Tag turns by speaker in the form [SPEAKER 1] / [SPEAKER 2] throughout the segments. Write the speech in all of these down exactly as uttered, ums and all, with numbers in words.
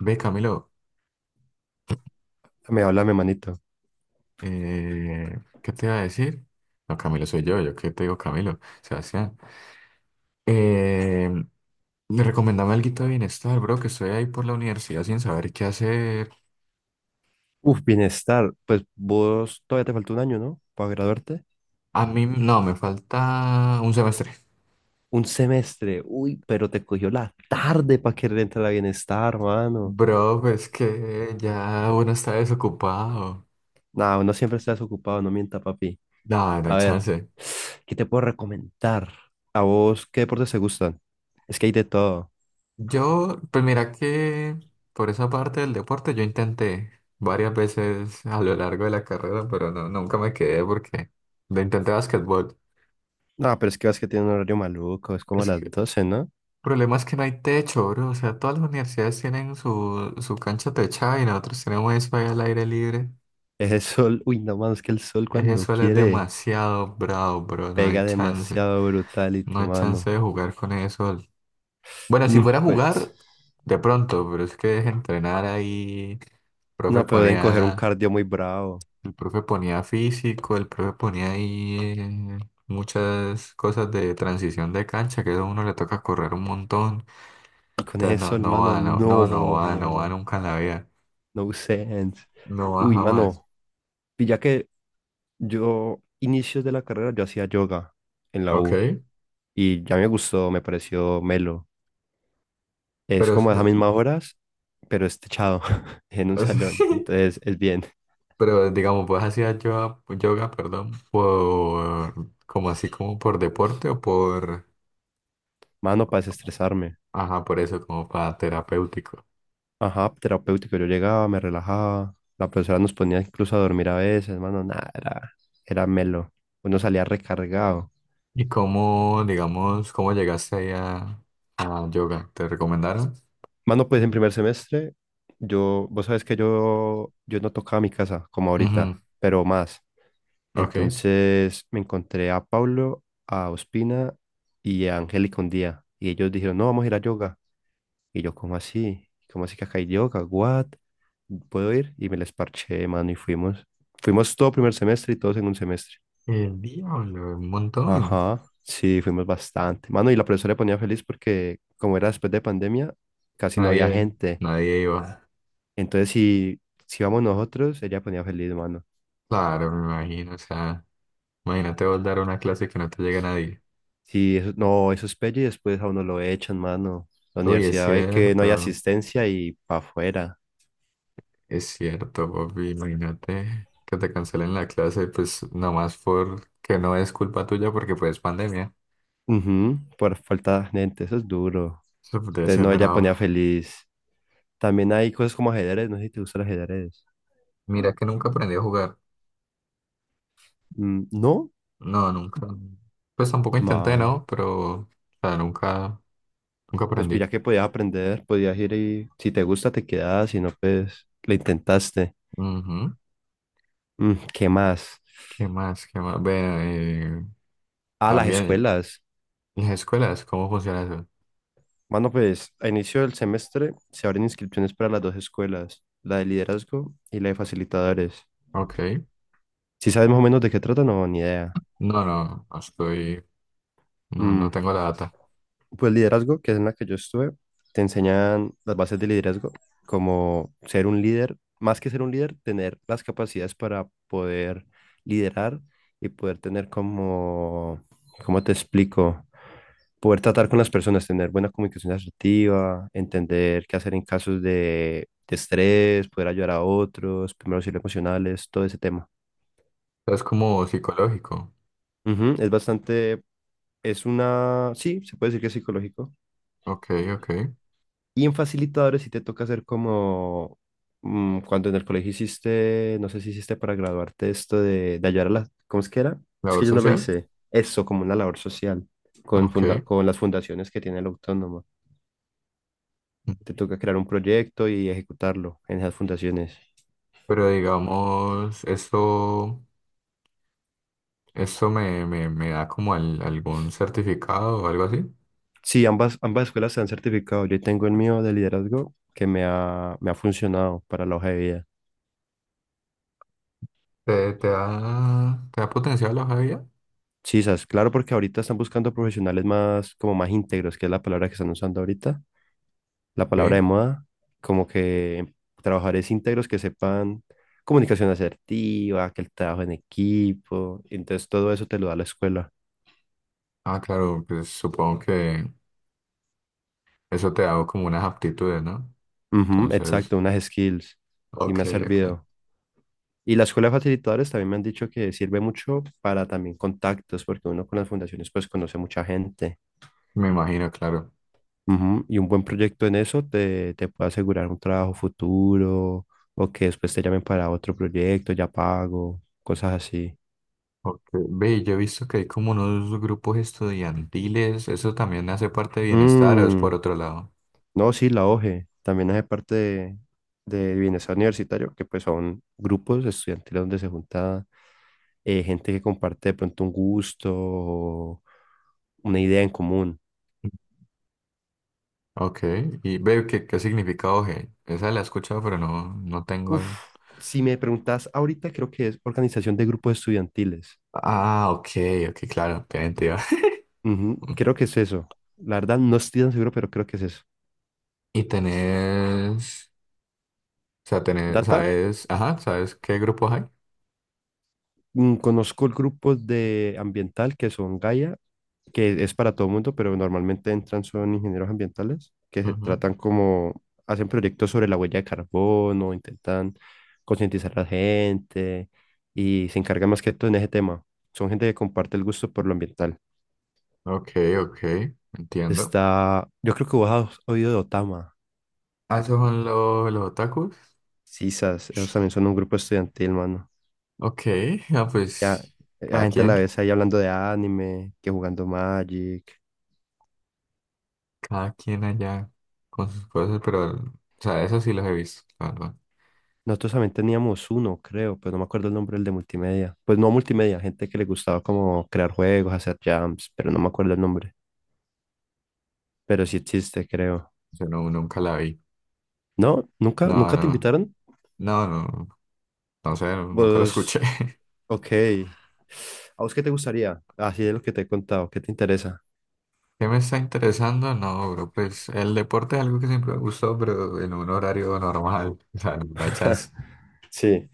[SPEAKER 1] Ve, Camilo,
[SPEAKER 2] Me habla mi manito.
[SPEAKER 1] eh, ¿qué te iba a decir? No, Camilo soy yo, yo qué te digo, Camilo, Sebastián. Eh, Le recomendame algo de bienestar, bro, que estoy ahí por la universidad sin saber qué hacer.
[SPEAKER 2] Uf, bienestar. Pues vos todavía te falta un año, ¿no? Para graduarte.
[SPEAKER 1] A mí, no, me falta un semestre.
[SPEAKER 2] Un semestre. Uy, pero te cogió la tarde para querer entrar a bienestar, mano.
[SPEAKER 1] Bro, pues que ya uno está desocupado.
[SPEAKER 2] Nada, uno siempre está desocupado, no mienta, papi.
[SPEAKER 1] No, no hay
[SPEAKER 2] A ver,
[SPEAKER 1] chance.
[SPEAKER 2] ¿qué te puedo recomendar? ¿A vos qué deportes te gustan? Es que hay de todo.
[SPEAKER 1] Yo, pues mira que por esa parte del deporte yo intenté varias veces a lo largo de la carrera, pero no, nunca me quedé porque lo intenté basquetbol.
[SPEAKER 2] No, pero es que vas que tiene un horario maluco, es como a
[SPEAKER 1] Es
[SPEAKER 2] las
[SPEAKER 1] que el
[SPEAKER 2] doce, ¿no?
[SPEAKER 1] problema es que no hay techo, bro. O sea, todas las universidades tienen su, su cancha techada y nosotros tenemos eso ahí al aire libre.
[SPEAKER 2] Es el sol. Uy, no, mano, es que el sol
[SPEAKER 1] Ese
[SPEAKER 2] cuando
[SPEAKER 1] sol es
[SPEAKER 2] quiere
[SPEAKER 1] demasiado bravo, bro. No hay
[SPEAKER 2] pega
[SPEAKER 1] chance.
[SPEAKER 2] demasiado
[SPEAKER 1] No
[SPEAKER 2] brutality,
[SPEAKER 1] hay chance
[SPEAKER 2] mano.
[SPEAKER 1] de jugar con ese sol. Bueno, si fuera
[SPEAKER 2] Mm,
[SPEAKER 1] a
[SPEAKER 2] pues.
[SPEAKER 1] jugar, de pronto, pero es que es entrenar ahí. El profe
[SPEAKER 2] No, pero deben coger un
[SPEAKER 1] ponía,
[SPEAKER 2] cardio muy bravo.
[SPEAKER 1] el profe ponía físico, el profe ponía ahí eh, muchas cosas de transición de cancha, que eso a uno le toca correr un montón.
[SPEAKER 2] Y con
[SPEAKER 1] Entonces no,
[SPEAKER 2] eso,
[SPEAKER 1] no
[SPEAKER 2] hermano,
[SPEAKER 1] va, no, no, no va, no va
[SPEAKER 2] no.
[SPEAKER 1] nunca en la vida.
[SPEAKER 2] No sense.
[SPEAKER 1] No va
[SPEAKER 2] Uy,
[SPEAKER 1] jamás.
[SPEAKER 2] mano. Y ya que yo, inicios de la carrera, yo hacía yoga en la
[SPEAKER 1] Ok,
[SPEAKER 2] U. Y ya me gustó, me pareció melo. Es
[SPEAKER 1] pero, es-
[SPEAKER 2] como esas mismas horas, pero es techado en un
[SPEAKER 1] es-
[SPEAKER 2] salón. Entonces es bien.
[SPEAKER 1] pero digamos, pues hacía yoga, yoga, perdón, por, como así como por deporte o por,
[SPEAKER 2] Mano, para desestresarme.
[SPEAKER 1] ajá, por eso, como para terapéutico.
[SPEAKER 2] Ajá, terapéutico. Yo llegaba, me relajaba. La profesora nos ponía incluso a dormir a veces, mano. Nada, era, era melo. Uno salía recargado.
[SPEAKER 1] Y cómo, digamos, ¿cómo llegaste ahí a, a yoga? ¿Te recomendaron?
[SPEAKER 2] Mano, pues en primer semestre, yo, vos sabes que yo, yo no tocaba mi casa como ahorita,
[SPEAKER 1] Ujú.
[SPEAKER 2] pero más.
[SPEAKER 1] Ok.
[SPEAKER 2] Entonces me encontré a Pablo, a Ospina y a Angélica un día. Y ellos dijeron, no, vamos a ir a yoga. Y yo, ¿cómo así? ¿Cómo así que acá hay yoga? ¿What? ¿Puedo ir? Y me les parché, mano, y fuimos. Fuimos todo primer semestre y todos en un semestre.
[SPEAKER 1] El diablo, un montón.
[SPEAKER 2] Ajá, sí, fuimos bastante. Mano, y la profesora le ponía feliz porque como era después de pandemia, casi no había
[SPEAKER 1] Nadie,
[SPEAKER 2] gente.
[SPEAKER 1] nadie iba.
[SPEAKER 2] Entonces, si, si vamos nosotros, ella ponía feliz, mano.
[SPEAKER 1] Claro, me imagino, o sea. Imagínate vos dar una clase que no te llega nadie.
[SPEAKER 2] Si eso, no, eso es pelle y después a uno lo echan, mano. La
[SPEAKER 1] Uy, es
[SPEAKER 2] universidad ve que no hay
[SPEAKER 1] cierto,
[SPEAKER 2] asistencia y para afuera.
[SPEAKER 1] es cierto, Bobby. Imagínate que te cancelen la clase, pues nomás porque no es culpa tuya, porque pues pandemia.
[SPEAKER 2] Ujú, por falta de gente, eso es duro.
[SPEAKER 1] Eso debe
[SPEAKER 2] Entonces,
[SPEAKER 1] ser
[SPEAKER 2] no, ella
[SPEAKER 1] bravo.
[SPEAKER 2] ponía feliz. También hay cosas como ajedrez, no sé si te gusta el ajedrez.
[SPEAKER 1] Mira que nunca aprendí a jugar.
[SPEAKER 2] Mm, no,
[SPEAKER 1] No, nunca. Pues tampoco intenté,
[SPEAKER 2] mano.
[SPEAKER 1] ¿no? Pero, o sea, nunca, nunca
[SPEAKER 2] Pues
[SPEAKER 1] aprendí.
[SPEAKER 2] ya que podías aprender, podías ir y si te gusta te quedas, si no, pues lo intentaste.
[SPEAKER 1] Ujú.
[SPEAKER 2] Mm, ¿qué más?
[SPEAKER 1] ¿Qué más? ¿Qué más? Bueno, eh,
[SPEAKER 2] Ah, las
[SPEAKER 1] también
[SPEAKER 2] escuelas.
[SPEAKER 1] las escuelas, ¿cómo funciona eso?
[SPEAKER 2] Mano, pues a inicio del semestre se abren inscripciones para las dos escuelas, la de liderazgo y la de facilitadores.
[SPEAKER 1] Ok.
[SPEAKER 2] ¿Si sabes más o menos de qué trata? No, ni idea.
[SPEAKER 1] No, no, no estoy, no,
[SPEAKER 2] Mm,
[SPEAKER 1] no tengo la data.
[SPEAKER 2] pues liderazgo, que es en la que yo estuve, te enseñan las bases de liderazgo, como ser un líder, más que ser un líder, tener las capacidades para poder liderar y poder tener como, ¿cómo te explico? Poder tratar con las personas, tener buena comunicación asertiva, entender qué hacer en casos de, de estrés, poder ayudar a otros, primeros auxilios emocionales, todo ese tema.
[SPEAKER 1] Sea, ¿es como psicológico?
[SPEAKER 2] Ujú, es bastante, es una, sí, se puede decir que es psicológico.
[SPEAKER 1] Ok, ok.
[SPEAKER 2] Y en facilitadores sí te toca hacer como mm, cuando en el colegio hiciste, no sé si hiciste para graduarte esto de, de ayudar a las, ¿cómo es que era? Es
[SPEAKER 1] Labor
[SPEAKER 2] que yo no lo
[SPEAKER 1] social.
[SPEAKER 2] hice. Eso, como una labor social con, funda-
[SPEAKER 1] Ok.
[SPEAKER 2] con las fundaciones que tiene el autónomo. Te toca crear un proyecto y ejecutarlo en esas fundaciones.
[SPEAKER 1] Pero digamos, esto, esto me, me, me da como al- algún certificado o algo así.
[SPEAKER 2] Sí, ambas, ambas escuelas se han certificado. Yo tengo el mío de liderazgo que me ha, me ha funcionado para la hoja de vida.
[SPEAKER 1] ¿Te, te da, te da potencial la hoja de vida?
[SPEAKER 2] Sí, sabes, claro, porque ahorita están buscando profesionales más, como más íntegros, que es la palabra que están usando ahorita, la palabra de
[SPEAKER 1] Ok.
[SPEAKER 2] moda, como que trabajadores íntegros que sepan comunicación asertiva, que el trabajo en equipo, entonces todo eso te lo da la escuela.
[SPEAKER 1] Ah, claro, pues supongo que eso te da como unas aptitudes, ¿no?
[SPEAKER 2] Ujú, exacto,
[SPEAKER 1] Entonces,
[SPEAKER 2] unas skills y
[SPEAKER 1] ok,
[SPEAKER 2] me ha
[SPEAKER 1] ok.
[SPEAKER 2] servido. Y la escuela de facilitadores también me han dicho que sirve mucho para también contactos, porque uno con las fundaciones pues conoce mucha gente.
[SPEAKER 1] Me imagino, claro.
[SPEAKER 2] Ujú, y un buen proyecto en eso te, te puede asegurar un trabajo futuro o que después te llamen para otro proyecto, ya pago, cosas así.
[SPEAKER 1] Ok. Ve, yo he visto que hay como unos grupos estudiantiles. ¿Eso también hace parte de bienestar o es
[SPEAKER 2] Mm,
[SPEAKER 1] por otro lado?
[SPEAKER 2] no, sí, la O G E también hace parte de, de Bienestar Universitario, que pues son grupos estudiantiles donde se junta eh, gente que comparte de pronto un gusto o una idea en común.
[SPEAKER 1] Ok, y ve qué, qué significado G. Esa la he escuchado, pero no, no
[SPEAKER 2] Uf,
[SPEAKER 1] tengo.
[SPEAKER 2] si me preguntas ahorita, creo que es organización de grupos estudiantiles.
[SPEAKER 1] Ah, ok, ok, claro, qué mentira.
[SPEAKER 2] Ujú, creo que es eso. La verdad, no estoy tan seguro, pero creo que es eso.
[SPEAKER 1] Y tenés, o sea, tenés,
[SPEAKER 2] ¿Data?
[SPEAKER 1] sabes, ajá, ¿sabes qué grupos hay?
[SPEAKER 2] Mm, conozco el grupo de ambiental que son Gaia, que es para todo el mundo, pero normalmente entran son ingenieros ambientales que se
[SPEAKER 1] Ujú.
[SPEAKER 2] tratan como, hacen proyectos sobre la huella de carbono, intentan concientizar a la gente y se encargan más que todo en ese tema. Son gente que comparte el gusto por lo ambiental.
[SPEAKER 1] Ok, ok, entiendo.
[SPEAKER 2] Está, yo creo que vos has oído de Otama.
[SPEAKER 1] Ah, esos son lo- los otakus.
[SPEAKER 2] Sisas, ellos también son un grupo estudiantil, mano.
[SPEAKER 1] Ok, ah,
[SPEAKER 2] Ya,
[SPEAKER 1] pues
[SPEAKER 2] eh, la
[SPEAKER 1] cada
[SPEAKER 2] gente a la
[SPEAKER 1] quien,
[SPEAKER 2] vez ahí hablando de anime, que jugando Magic.
[SPEAKER 1] cada quien allá con sus cosas, pero, o sea, eso sí los he visto, la verdad.
[SPEAKER 2] Nosotros también teníamos uno, creo, pero no me acuerdo el nombre del de multimedia. Pues no multimedia, gente que le gustaba como crear juegos, hacer jams, pero no me acuerdo el nombre. Pero sí existe, creo.
[SPEAKER 1] Yo no, nunca la vi.
[SPEAKER 2] ¿No? ¿Nunca?
[SPEAKER 1] No,
[SPEAKER 2] ¿Nunca te
[SPEAKER 1] no,
[SPEAKER 2] invitaron?
[SPEAKER 1] no, no, no sé, nunca lo
[SPEAKER 2] Pues,
[SPEAKER 1] escuché.
[SPEAKER 2] ok. ¿A vos qué te gustaría? Así de lo que te he contado, ¿qué te interesa?
[SPEAKER 1] ¿Qué me está interesando? No, bro, pues el deporte es algo que siempre me gustó, pero en un horario normal, o sea, no hay chance.
[SPEAKER 2] Sí,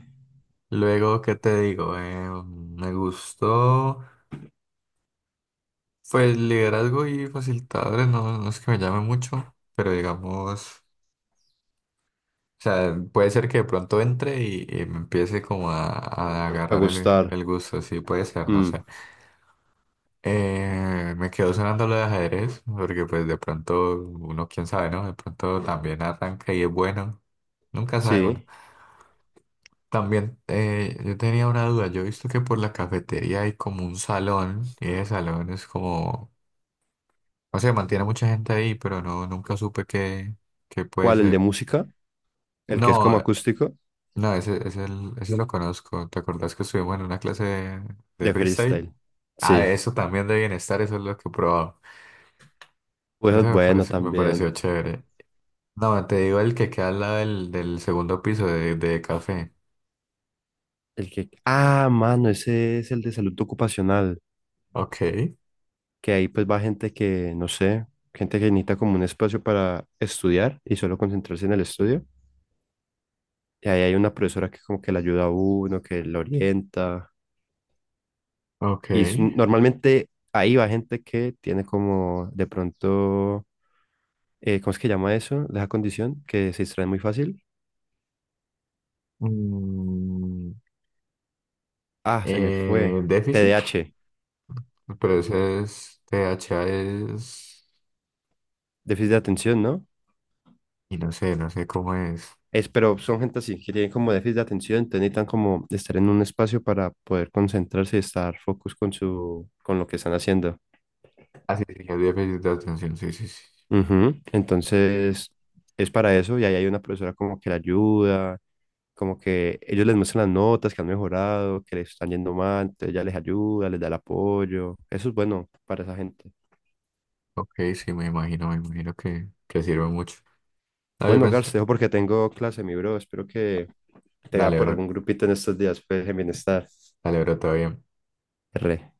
[SPEAKER 1] Luego, ¿qué te digo? Eh, me gustó, pues liderazgo y facilitadores, no, no es que me llame mucho, pero digamos, o sea, puede ser que de pronto entre y, y me empiece como a, a
[SPEAKER 2] a
[SPEAKER 1] agarrar el,
[SPEAKER 2] gustar.
[SPEAKER 1] el gusto, sí, puede ser, no
[SPEAKER 2] Mm,
[SPEAKER 1] sé. Eh, me quedó sonando lo de ajedrez, porque pues de pronto uno, quién sabe, ¿no? De pronto también arranca y es bueno. Nunca sabe uno.
[SPEAKER 2] sí.
[SPEAKER 1] También eh, yo tenía una duda. Yo he visto que por la cafetería hay como un salón y ese salón es como, o sea, mantiene mucha gente ahí, pero no, nunca supe qué, qué puede
[SPEAKER 2] ¿Cuál? ¿El de
[SPEAKER 1] ser.
[SPEAKER 2] música? ¿El que es como
[SPEAKER 1] No, eh,
[SPEAKER 2] acústico?
[SPEAKER 1] no, ese, ese, el- ese lo conozco. ¿Te acordás que estuvimos en una clase de, de
[SPEAKER 2] De
[SPEAKER 1] freestyle?
[SPEAKER 2] freestyle.
[SPEAKER 1] Ah,
[SPEAKER 2] Sí.
[SPEAKER 1] eso también de bienestar, eso es lo que he probado. Eso
[SPEAKER 2] Pues
[SPEAKER 1] me
[SPEAKER 2] bueno,
[SPEAKER 1] pareció, me pareció
[SPEAKER 2] también.
[SPEAKER 1] chévere. No, te digo el que queda al lado del, del segundo piso de, de café.
[SPEAKER 2] El que... Ah, mano, ese es el de salud ocupacional.
[SPEAKER 1] Ok,
[SPEAKER 2] Que ahí pues va gente que, no sé, gente que necesita como un espacio para estudiar y solo concentrarse en el estudio. Y ahí hay una profesora que como que le ayuda a uno, que le orienta.
[SPEAKER 1] ok.
[SPEAKER 2] Y s- normalmente ahí va gente que tiene como de pronto, eh, ¿cómo es que llama eso? De esa condición que se distrae muy fácil.
[SPEAKER 1] Mm,
[SPEAKER 2] Ah, se me
[SPEAKER 1] Eh,
[SPEAKER 2] fue. T D
[SPEAKER 1] déficit,
[SPEAKER 2] A H
[SPEAKER 1] pero ese es T H A es...
[SPEAKER 2] déficit de atención, ¿no?
[SPEAKER 1] Y no sé, no sé cómo es.
[SPEAKER 2] Es, pero son gente así, que tienen como déficit de atención, entonces necesitan como estar en un espacio para poder concentrarse y estar focus con su, con lo que están haciendo.
[SPEAKER 1] Ah, sí, sí, es déficit de atención, sí, sí, sí.
[SPEAKER 2] Ujú, entonces, es para eso y ahí hay una profesora como que la ayuda, como que ellos les muestran las notas que han mejorado, que les están yendo mal, entonces ella les ayuda, les da el apoyo. Eso es bueno para esa gente.
[SPEAKER 1] Ok, sí, me imagino, me imagino que, que sirve mucho. No, yo
[SPEAKER 2] Bueno,
[SPEAKER 1] pensé,
[SPEAKER 2] Garce, te dejo porque tengo clase, mi bro. Espero que te vea
[SPEAKER 1] dale,
[SPEAKER 2] por
[SPEAKER 1] bro,
[SPEAKER 2] algún grupito en estos días, pues, en bienestar.
[SPEAKER 1] dale, bro, todo bien.
[SPEAKER 2] R.